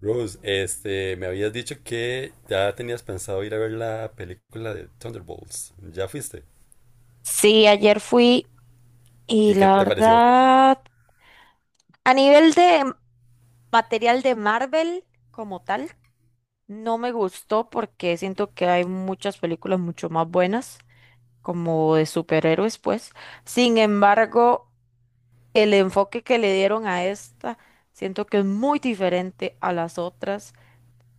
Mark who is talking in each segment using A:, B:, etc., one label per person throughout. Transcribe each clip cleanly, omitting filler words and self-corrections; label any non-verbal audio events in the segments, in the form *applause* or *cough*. A: Rose, este, me habías dicho que ya tenías pensado ir a ver la película de Thunderbolts. ¿Ya fuiste?
B: Sí, ayer fui y
A: ¿Y qué
B: la
A: te pareció?
B: verdad, a nivel de material de Marvel como tal, no me gustó porque siento que hay muchas películas mucho más buenas, como de superhéroes, pues. Sin embargo, el enfoque que le dieron a esta, siento que es muy diferente a las otras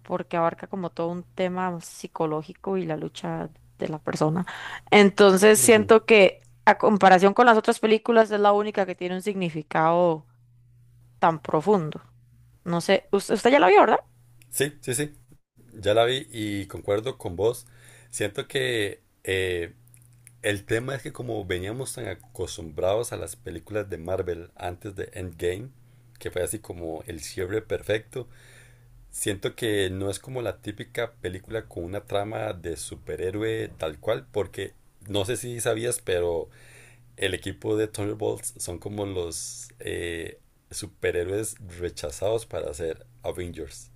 B: porque abarca como todo un tema psicológico y la lucha de la persona. Entonces siento que a comparación con las otras películas es la única que tiene un significado tan profundo. No sé, usted ya la vio, ¿verdad?
A: Sí, sí, sí. Ya la vi y concuerdo con vos. Siento que el tema es que como veníamos tan acostumbrados a las películas de Marvel antes de Endgame, que fue así como el cierre perfecto, siento que no es como la típica película con una trama de superhéroe tal cual, porque no sé si sabías, pero el equipo de Thunderbolts son como los superhéroes rechazados para ser Avengers.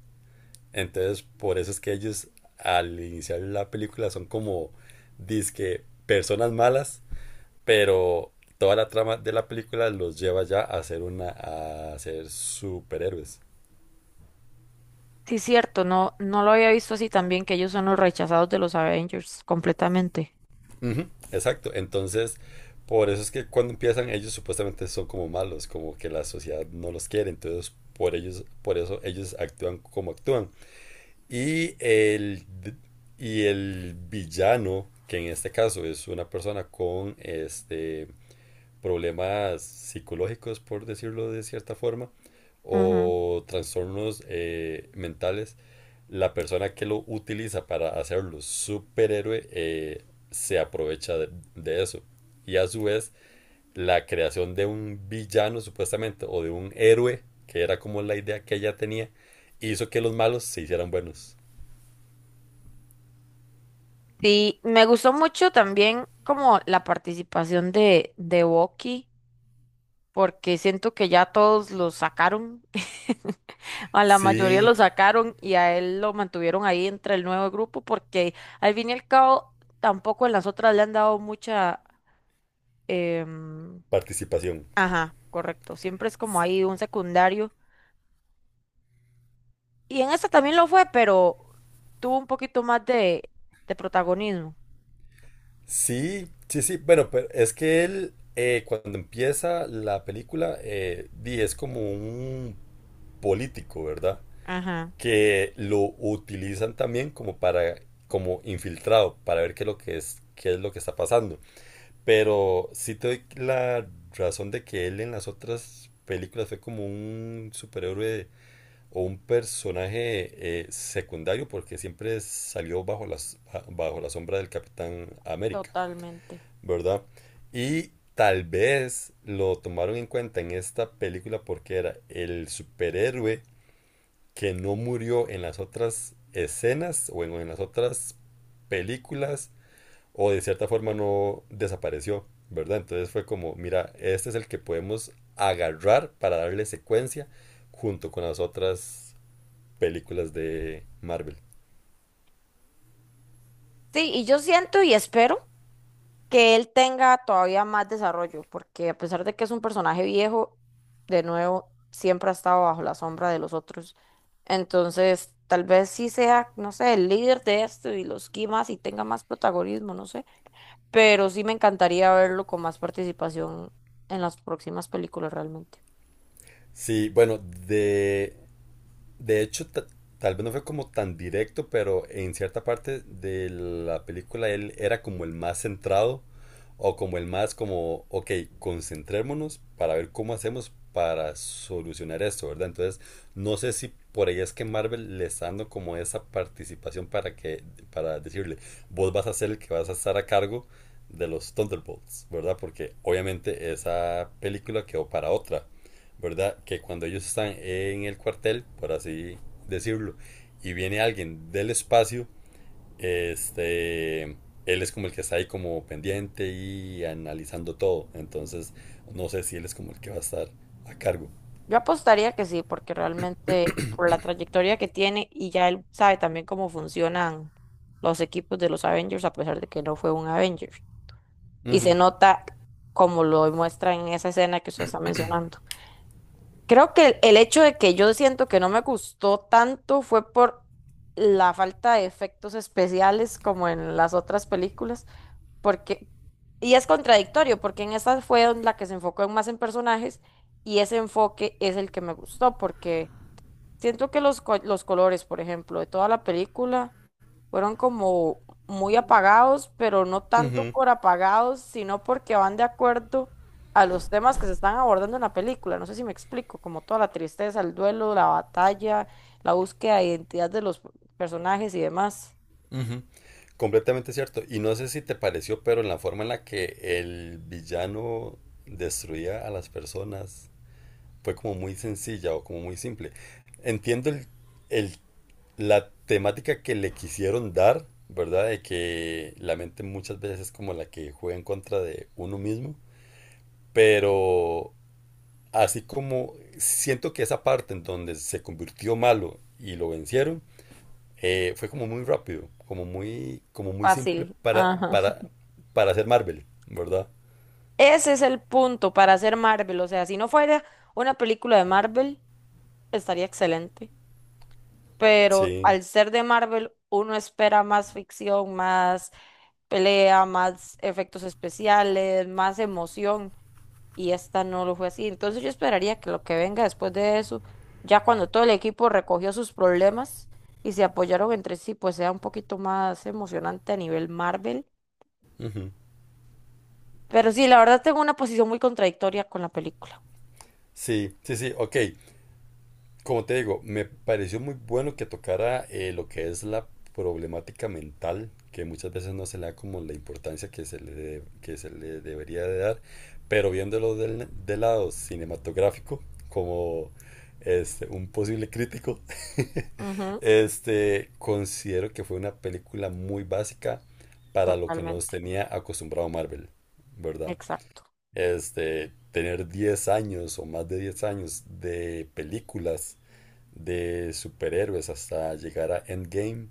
A: Entonces, por eso es que ellos al iniciar la película son como dizque personas malas, pero toda la trama de la película los lleva ya a ser superhéroes.
B: Sí, cierto, no, no lo había visto así también, que ellos son los rechazados de los Avengers completamente.
A: Uh -huh. Exacto. Entonces, por eso es que cuando empiezan ellos supuestamente son como malos, como que la sociedad no los quiere, entonces por eso ellos actúan como actúan. Y el, y el villano, que en este caso es una persona con este, problemas psicológicos, por decirlo de cierta forma,
B: Ujú.
A: o trastornos mentales, la persona que lo utiliza para hacerlo superhéroe se aprovecha de eso. Y a su vez, la creación de un villano supuestamente, o de un héroe, que era como la idea que ella tenía, hizo que los malos se hicieran buenos.
B: Sí, me gustó mucho también como la participación de Bucky porque siento que ya todos lo sacaron, *laughs* a la mayoría
A: Sí,
B: lo sacaron y a él lo mantuvieron ahí entre el nuevo grupo porque al fin y al cabo tampoco en las otras le han dado mucha... em,
A: participación.
B: ajá, correcto, siempre es como ahí un secundario. Y en esta también lo fue, pero tuvo un poquito más de protagonismo.
A: Sí, sí, sí. Bueno, pero es que él, cuando empieza la película, es como un político, ¿verdad?
B: Ajá,
A: Que lo utilizan también como para, como infiltrado, para ver qué es lo que es, qué es lo que está pasando. Pero sí te doy la razón de que él en las otras películas fue como un superhéroe o un personaje secundario porque siempre salió bajo bajo la sombra del Capitán América,
B: totalmente.
A: ¿verdad? Y tal vez lo tomaron en cuenta en esta película porque era el superhéroe que no murió en las otras escenas en las otras películas o de cierta forma no desapareció, ¿verdad? Entonces fue como, mira, este es el que podemos agarrar para darle secuencia junto con las otras películas de Marvel.
B: Sí, y yo siento y espero que él tenga todavía más desarrollo, porque a pesar de que es un personaje viejo, de nuevo, siempre ha estado bajo la sombra de los otros. Entonces, tal vez sí sea, no sé, el líder de esto y los quimas y tenga más protagonismo, no sé, pero sí me encantaría verlo con más participación en las próximas películas realmente.
A: Sí, bueno, de De hecho, ta- tal vez no fue como tan directo, pero en cierta parte de la película él era como el más centrado o como el más como, ok, concentrémonos para ver cómo hacemos para solucionar esto, ¿verdad? Entonces, no sé si por ahí es que Marvel le está dando como esa participación para decirle, vos vas a ser el que vas a estar a cargo de los Thunderbolts, ¿verdad? Porque obviamente esa película quedó para otra. ¿Verdad? Que cuando ellos están en el cuartel, por así decirlo, y viene alguien del espacio, este, él es como el que está ahí como pendiente y analizando todo. Entonces, no sé si él es como el que va a estar a cargo.
B: Yo apostaría que sí, porque realmente por la trayectoria que tiene y ya él sabe también cómo funcionan los equipos de los Avengers, a pesar de que no fue un Avenger, y se nota como lo muestra en esa escena que usted está mencionando. Creo que el hecho de que yo siento que no me gustó tanto fue por la falta de efectos especiales como en las otras películas, porque, y es contradictorio, porque en esta fue en la que se enfocó más en personajes y ese enfoque es el que me gustó, porque siento que los colores, por ejemplo, de toda la película fueron como muy apagados, pero no tanto por apagados, sino porque van de acuerdo a los temas que se están abordando en la película. No sé si me explico, como toda la tristeza, el duelo, la batalla, la búsqueda de identidad de los personajes y demás.
A: Completamente cierto. Y no sé si te pareció, pero en la forma en la que el villano destruía a las personas fue como muy sencilla o como muy simple. Entiendo el la temática que le quisieron dar, ¿verdad? De que la mente muchas veces es como la que juega en contra de uno mismo, pero así como siento que esa parte en donde se convirtió malo y lo vencieron, fue como muy rápido, como muy simple
B: Fácil. Ajá.
A: para hacer Marvel, ¿verdad?
B: Ese es el punto para hacer Marvel. O sea, si no fuera una película de Marvel, estaría excelente, pero
A: Sí.
B: al ser de Marvel, uno espera más ficción, más pelea, más efectos especiales, más emoción, y esta no lo fue así. Entonces yo esperaría que lo que venga después de eso, ya cuando todo el equipo recogió sus problemas y se apoyaron entre sí, pues sea un poquito más emocionante a nivel Marvel.
A: Ujú.
B: Pero sí, la verdad tengo una posición muy contradictoria con la película.
A: Sí, sí, sí, ok. Como te digo, me pareció muy bueno que tocara lo que es la problemática mental, que muchas veces no se le da como la importancia que que se le debería de dar, pero viéndolo del lado cinematográfico, como este, un posible crítico, *laughs*
B: Ujú,
A: este, considero que fue una película muy básica para lo que nos
B: totalmente.
A: tenía acostumbrado Marvel, ¿verdad?
B: Exacto.
A: Este, tener 10 años o más de 10 años de películas de superhéroes hasta llegar a Endgame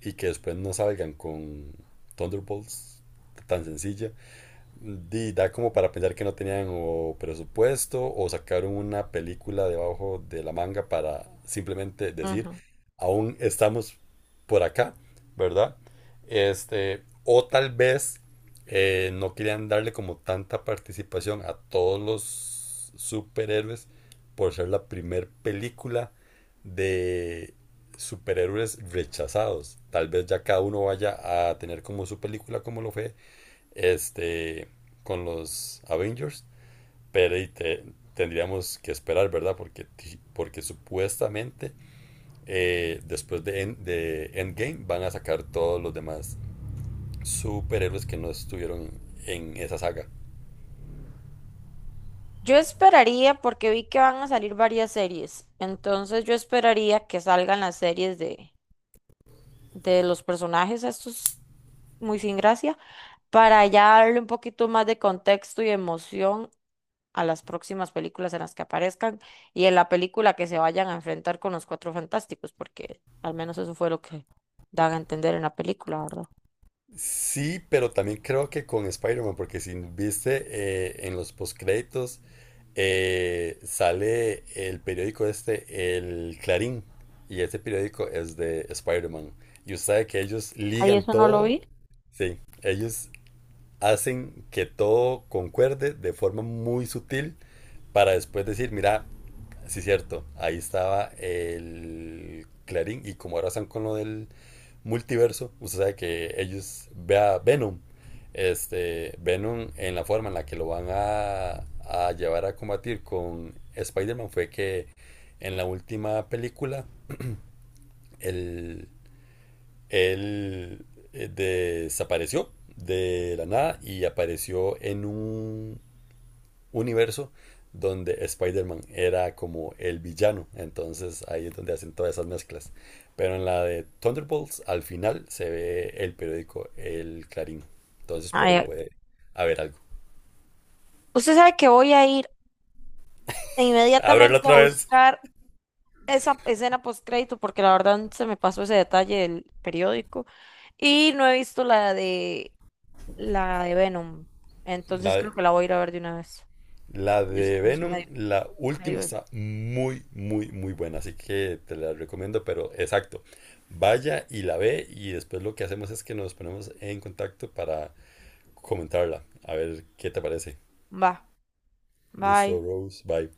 A: y que después no salgan con Thunderbolts tan sencilla. Di, da como para pensar que no tenían o presupuesto o sacaron una película debajo de la manga para simplemente decir,
B: Ujú.
A: aún estamos por acá, ¿verdad? Este, o tal vez no querían darle como tanta participación a todos los superhéroes por ser la primer película de superhéroes rechazados. Tal vez ya cada uno vaya a tener como su película como lo fue este, con los Avengers, pero tendríamos que esperar, ¿verdad? Porque, porque supuestamente después de Endgame van a sacar todos los demás superhéroes que no estuvieron en esa saga.
B: Yo esperaría, porque vi que van a salir varias series, entonces yo esperaría que salgan las series de los personajes estos muy sin gracia, para ya darle un poquito más de contexto y emoción a las próximas películas en las que aparezcan y en la película que se vayan a enfrentar con los Cuatro Fantásticos, porque al menos eso fue lo que dan a entender en la película, ¿verdad?
A: Sí, pero también creo que con Spider-Man, porque si viste en los postcréditos sale el periódico este, el Clarín, y ese periódico es de Spider-Man. Y usted sabe que ellos
B: Ahí
A: ligan
B: eso no lo
A: todo,
B: vi.
A: sí, ellos hacen que todo concuerde de forma muy sutil para después decir, mira, sí es cierto, ahí estaba el Clarín y como ahora están con lo del multiverso, usted sabe que ellos vea Venom, este Venom en la forma en la que lo van a llevar a combatir con Spider-Man fue que en la última película el él desapareció de la nada y apareció en un universo donde Spider-Man era como el villano. Entonces ahí es donde hacen todas esas mezclas. Pero en la de Thunderbolts, al final se ve el periódico El Clarín. Entonces por ahí
B: Ay,
A: puede haber algo.
B: usted sabe que voy a ir
A: Abrirlo
B: inmediatamente a
A: otra vez.
B: buscar esa escena post crédito porque la verdad se me pasó ese detalle del periódico y no he visto la de Venom. Entonces
A: La,
B: creo que la voy a ir a ver de una vez.
A: La
B: Yo se
A: de
B: me hizo
A: Venom,
B: medio,
A: la última
B: medio-
A: está muy, muy, muy buena, así que te la recomiendo, pero exacto. Vaya y la ve y después lo que hacemos es que nos ponemos en contacto para comentarla. A ver qué te parece.
B: Va, bye.
A: Listo, Rose, bye.